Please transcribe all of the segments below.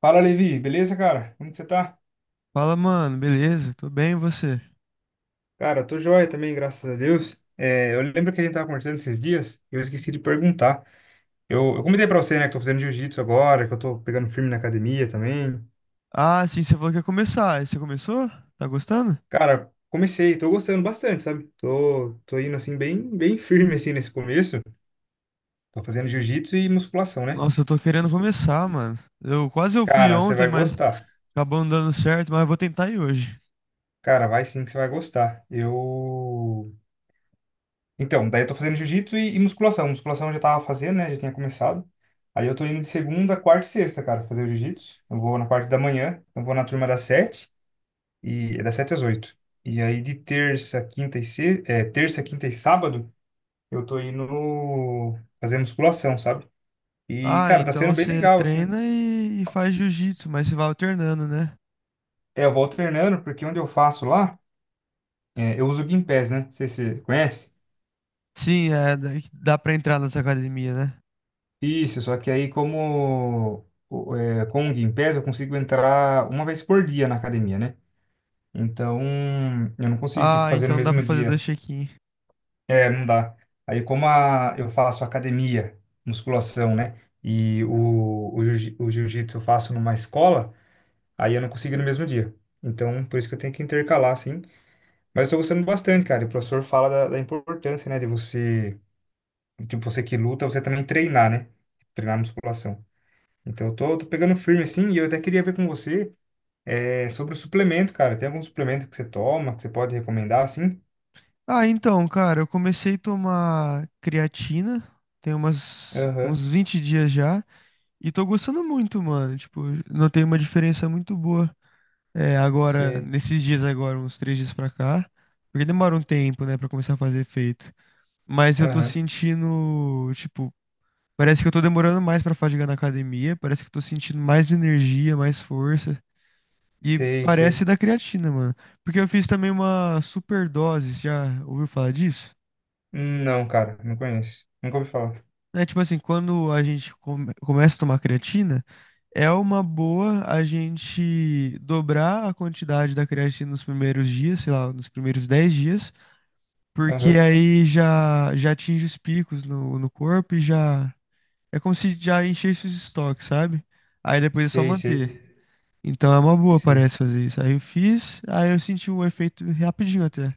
Fala, Levi, beleza, cara? Como que você tá? Fala, mano, beleza? Tô bem, e você? Cara, eu tô joia também, graças a Deus. É, eu lembro que a gente tava conversando esses dias, e eu esqueci de perguntar. Eu comentei pra você, né, que tô fazendo jiu-jitsu agora, que eu tô pegando firme na academia também. Ah, sim, você falou que ia começar. Aí você começou? Tá gostando? Cara, comecei, tô gostando bastante, sabe? Tô indo, assim, bem, bem firme, assim, nesse começo. Tô fazendo jiu-jitsu e musculação, né? Nossa, eu tô querendo Muscu- começar, mano. Eu fui Cara, você ontem, vai mas gostar. acabou não dando certo, mas eu vou tentar ir hoje. Cara, vai sim que você vai gostar. Então, daí eu tô fazendo jiu-jitsu e musculação. Musculação eu já tava fazendo, né? Já tinha começado. Aí eu tô indo de segunda, quarta e sexta, cara, fazer o jiu-jitsu. Eu vou na parte da manhã, eu vou na turma das 7h, e é das 7h às 8h. E aí de terça, quinta e se... é, terça, quinta e sábado, eu tô indo fazer musculação, sabe? E, Ah, cara, tá então sendo bem você legal, assim. treina e faz jiu-jitsu, mas você vai alternando, né? É, eu vou treinando, porque onde eu faço lá, eu uso o Gympass, né? Não sei se você conhece. Sim, é, dá pra entrar nessa academia, né? Isso, só que aí com o Gympass eu consigo entrar uma vez por dia na academia, né? Então eu não consigo tipo, Ah, fazer no então dá pra mesmo fazer dois dia. check-in. É, não dá. Aí eu faço academia, musculação, né? E o jiu-jitsu eu faço numa escola, aí eu não consigo ir no mesmo dia. Então por isso que eu tenho que intercalar, assim. Mas eu tô gostando bastante, cara. E o professor fala da importância, né? De você, tipo, você que luta, você também treinar, né? Treinar musculação. Então, eu tô, pegando firme assim, e eu até queria ver com você sobre o suplemento, cara. Tem algum suplemento que você toma, que você pode recomendar, assim? Ah, então, cara, eu comecei a tomar creatina, tem umas, Aham, uns 20 dias já. E tô gostando muito, mano. Tipo, notei uma diferença muito boa. É, agora, sei. nesses dias agora, uns 3 dias pra cá. Porque demora um tempo, né, pra começar a fazer efeito. Mas eu tô Aham, sentindo, tipo, parece que eu tô demorando mais pra fadigar na academia. Parece que eu tô sentindo mais energia, mais força. E sei, parece sei. da creatina, mano. Porque eu fiz também uma superdose, você já ouviu falar disso? Hum. Não, cara, não conheço. Nunca ouvi falar. É tipo assim, quando a gente começa a tomar creatina. É uma boa a gente dobrar a quantidade da creatina nos primeiros dias, sei lá, nos primeiros 10 dias, porque Aham, aí já, já atinge os picos no corpo e já. É como se já enchesse os estoques, sabe? Aí depois é só sei, sei, manter. Então é uma boa, sei. parece fazer isso. Aí eu fiz, aí eu senti um efeito rapidinho até.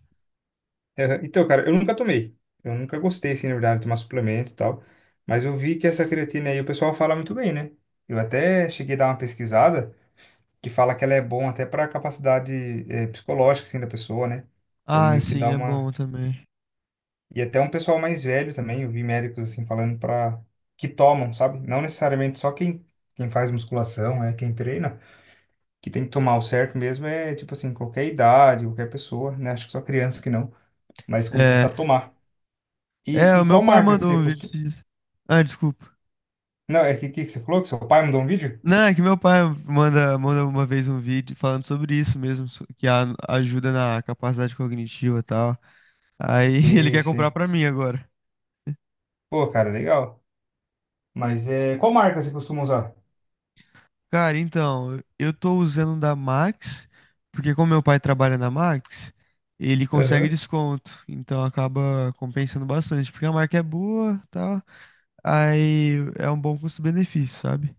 Aham. Então, cara, eu nunca tomei. Eu nunca gostei, assim, na verdade, de tomar suplemento e tal. Mas eu vi que essa creatina aí, o pessoal fala muito bem, né? Eu até cheguei a dar uma pesquisada que fala que ela é bom até para capacidade psicológica, assim, da pessoa, né? Então, Ah, meio que sim, dá é uma. bom também. E até um pessoal mais velho também, eu vi médicos assim falando para que tomam, sabe? Não necessariamente só quem faz musculação, é quem treina, que tem que tomar o certo mesmo é tipo assim, qualquer idade, qualquer pessoa, né? Acho que só criança que não, mas É. começar a tomar. É, E o meu qual pai marca que mandou você um vídeo costuma. disso. Ah, desculpa. Não, é que você falou que seu pai mandou um vídeo? Não, é que meu pai manda uma vez um vídeo falando sobre isso mesmo, que ajuda na capacidade cognitiva e tal. Aí ele Sei, quer comprar sei. pra mim agora. Pô, cara, legal. Mas é, qual marca você costuma usar? Cara, então, eu tô usando um da Max, porque como meu pai trabalha na Max, ele consegue Aham. desconto. Então acaba compensando bastante, porque a marca é boa, tal. Aí é um bom custo-benefício, sabe?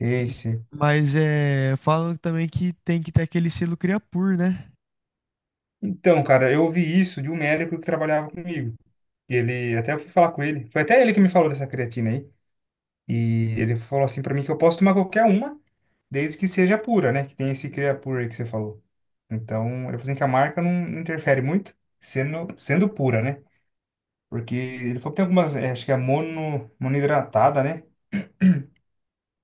Sei, sei. Mas é, falam também que tem que ter aquele selo Creapure, né? Então, cara, eu ouvi isso de um médico que trabalhava comigo. E ele, até eu fui falar com ele, foi até ele que me falou dessa creatina aí. E ele falou assim pra mim que eu posso tomar qualquer uma, desde que seja pura, né? Que tem esse Creapure aí que você falou. Então, ele falou assim que a marca não interfere muito, sendo pura, né? Porque ele falou que tem algumas, acho que é monoidratada, né?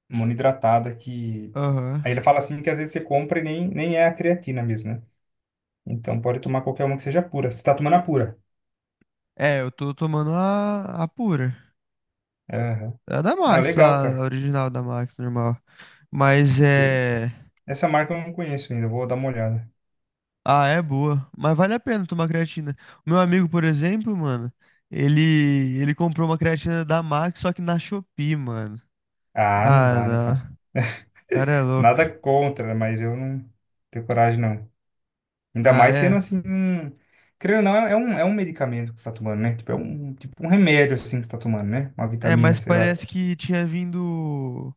Monoidratada que. Aham. Aí ele fala assim que às vezes você compra e nem é a creatina mesmo, né? Então pode tomar qualquer uma que seja pura. Você tá tomando a pura. É, eu tô tomando a pura. Aham. A da Não, Max legal, lá, a cara. original da Max, normal. Mas Sei. é. Essa marca eu não conheço ainda, eu vou dar uma olhada. Ah, é boa. Mas vale a pena tomar creatina. O meu amigo, por exemplo, mano, ele, ele comprou uma creatina da Max, só que na Shopee, mano. Ah, não Ah, dá, né, não. cara? O cara é louco. Nada contra, né, mas eu não tenho coragem, não. Ainda Ah, mais sendo é. assim. Querendo ou não, é um, medicamento que você tá tomando, né? Tipo, tipo um remédio, assim, que você tá tomando, né? Uma É, mas vitamina, sei lá. parece que tinha vindo.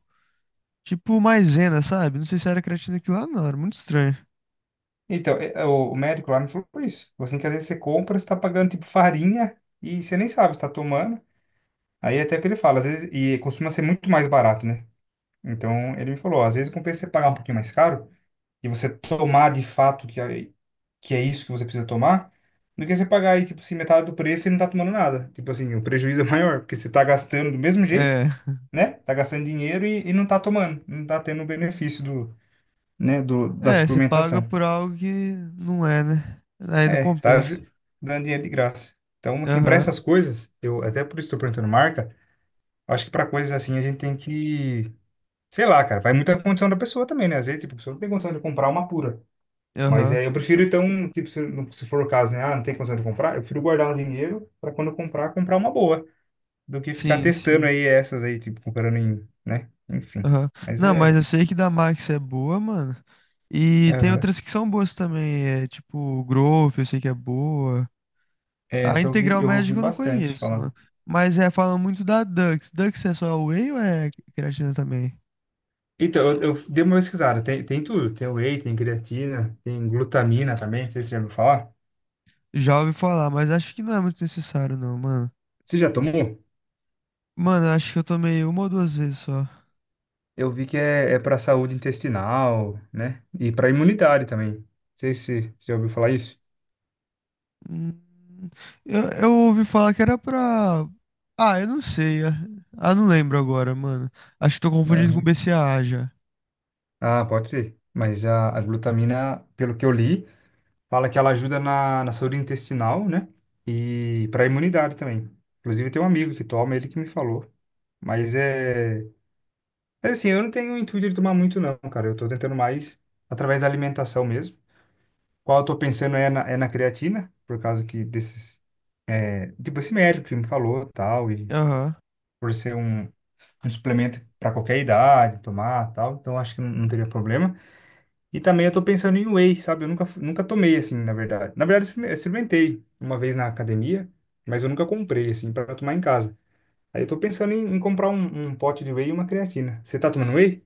Tipo maisena, sabe? Não sei se era creatina aquilo lá, não. Era muito estranho. Então, é, o médico lá me falou isso. Falou assim, que às vezes você compra, você tá pagando, tipo, farinha e você nem sabe se tá tomando. Aí até que ele fala, às vezes, e costuma ser muito mais barato, né? Então, ele me falou, ó, às vezes compensa você pagar um pouquinho mais caro, e você tomar de fato que é isso que você precisa tomar, do que você pagar aí, tipo, assim, metade do preço e não tá tomando nada. Tipo assim, o prejuízo é maior, porque você tá gastando do mesmo jeito, É. né? Tá gastando dinheiro e não tá tomando, não tá tendo o benefício do, né, da É, você paga suplementação. por algo que não é, né? Aí não É, tá compensa. Dando dinheiro de graça. Então, assim, para Aham, essas coisas, eu até por isso estou perguntando marca, acho que para coisas assim a gente tem que, sei lá, cara, vai muito a condição da pessoa também, né? Às vezes, tipo, a pessoa não tem condição de comprar uma pura. Mas aham. é, eu prefiro, então, tipo, se for o caso, né? Ah, não tem condição de comprar, eu prefiro guardar um dinheiro para quando eu comprar, uma boa, do que ficar Sim, testando sim. aí essas aí, tipo, comprando em, né? Enfim. Aham. Mas Não, mas é. eu sei que da Max é boa, mano. E tem Aham. outras que são boas também. É, tipo, Growth, eu sei que é boa. É, A essa eu vi, Integral eu ouvi Médica eu não bastante conheço, mano. falar. Mas é, falam muito da Dux. Dux é só whey ou é creatina também? Então, eu dei uma pesquisada, tem, tudo. Tem whey, tem creatina, tem glutamina também, não sei se você já ouviu falar. Já ouvi falar, mas acho que não é muito necessário, não, mano. Você já tomou? Mano, eu acho que eu tomei uma ou duas vezes só. Eu vi que é para saúde intestinal, né? E para imunidade também. Não sei se você já ouviu falar isso. Hum, eu ouvi falar que era pra. Ah, eu não sei. Ah, ah, não lembro agora, mano. Acho que tô confundindo com BCAA já. Ah, pode ser. Mas a glutamina, pelo que eu li, fala que ela ajuda na saúde intestinal, né? E para a imunidade também. Inclusive, tem um amigo que toma, ele que me falou. Mas é. Mas assim, eu não tenho o intuito de tomar muito, não, cara. Eu tô tentando mais através da alimentação mesmo. Qual eu tô pensando é na, creatina, por causa que desses. É, tipo, esse médico que me falou tal, e Aham. por ser um suplemento para qualquer idade, tomar tal. Então, acho que não, não teria problema. E também eu tô pensando em whey, sabe? Eu nunca tomei, assim, na verdade. Na verdade, eu eu experimentei uma vez na academia, mas eu nunca comprei, assim, para tomar em casa. Aí eu tô pensando em, comprar um pote de whey e uma creatina. Você tá tomando whey?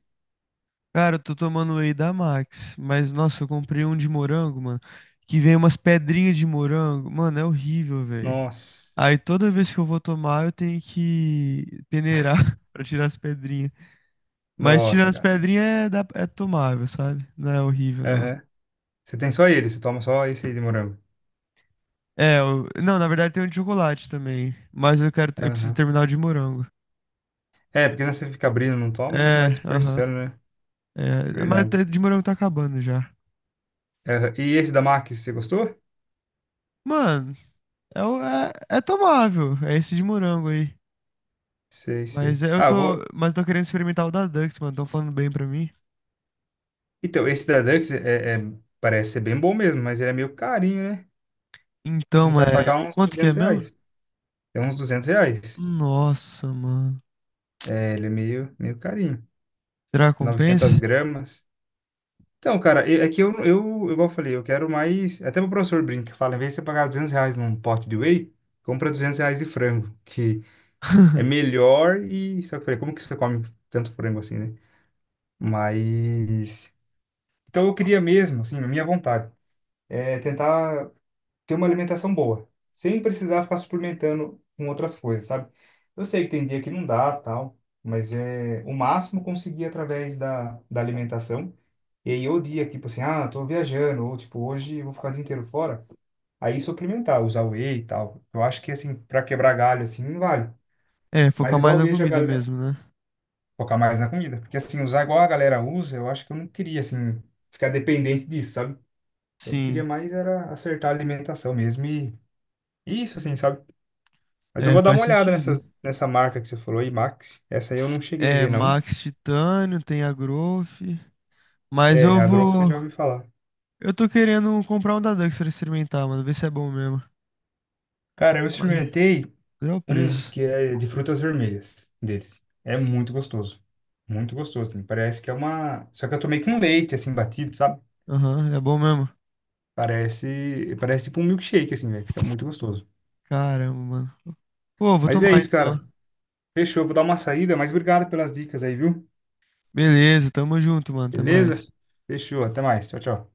Cara, eu tô tomando whey da Max. Mas, nossa, eu comprei um de morango, mano. Que vem umas pedrinhas de morango. Mano, é horrível, velho. Nossa. Aí toda vez que eu vou tomar, eu tenho que peneirar pra tirar as pedrinhas. Mas tirando Nossa, as cara. pedrinhas é, é tomável, sabe? Não é horrível, não. Aham. Você tem só ele, você toma só esse aí de morango. É, não, na verdade tem um de chocolate também. Mas eu quero, eu preciso Aham. terminar o de morango. É, porque né, você fica abrindo, não toma, vai É, aham. desperdiçando, né? É, mas Verdade. o de morango tá acabando já. Aham. E esse da Max, você gostou? Mano, é, é, é tomável. É esse de morango aí. Sei, sei. Mas é, Ah, vou. Eu tô querendo experimentar o da Dux, mano. Tão falando bem pra mim. Então, esse da Dux é, parece ser bem bom mesmo, mas ele é meio carinho, né? Assim, Então, você vai é, pagar uns quanto que é 200 mesmo? reais. É uns R$ 200. Nossa, mano. É, ele é meio carinho. Será que compensa? 900 gramas. Então, cara, é que eu, igual eu falei, eu quero mais. Até o professor brinca, fala, em vez de você pagar R$ 200 num pote de whey, compra R$ 200 de frango, que é melhor e. Só que eu falei, como que você come tanto frango assim, né? Mas. Então, eu queria mesmo, assim, a minha vontade, é tentar. Ter uma alimentação boa, sem precisar ficar suplementando com outras coisas, sabe? Eu sei que tem dia que não dá, tal, mas é o máximo conseguir através da alimentação. E aí, o dia, tipo assim, ah, tô viajando, ou tipo, hoje eu vou ficar o dia inteiro fora, aí suplementar, usar whey e tal. Eu acho que, assim, pra quebrar galho, assim, não vale. É, focar Mas igual mais eu na vejo a comida galera mesmo, né? focar mais na comida, porque, assim, usar igual a galera usa, eu acho que eu não queria, assim, ficar dependente disso, sabe? Eu queria Sim. mais era acertar a alimentação mesmo e isso, assim, sabe? Mas eu É, vou dar uma faz olhada nessa, sentido. Marca que você falou, Imax. Essa aí eu não cheguei a É, ver, não. Max Titânio, tem a Growth. Mas É, é eu a Growth eu vou. já ouvi falar. Eu tô querendo comprar um da Dux pra experimentar, mano. Ver se é bom mesmo. Cara, eu Mas experimentei é o um preço. que é de frutas vermelhas deles. É muito gostoso. Muito gostoso, assim. Parece que é uma. Só que eu tomei com leite, assim, batido, sabe? Aham, é bom mesmo. Parece tipo um milkshake, assim, velho. Fica muito gostoso. Caramba, mano. Pô, vou Mas é tomar isso, então. cara. Fechou. Vou dar uma saída, mas obrigado pelas dicas aí, viu? Beleza, tamo junto, mano. Até Beleza? mais. Fechou. Até mais. Tchau, tchau.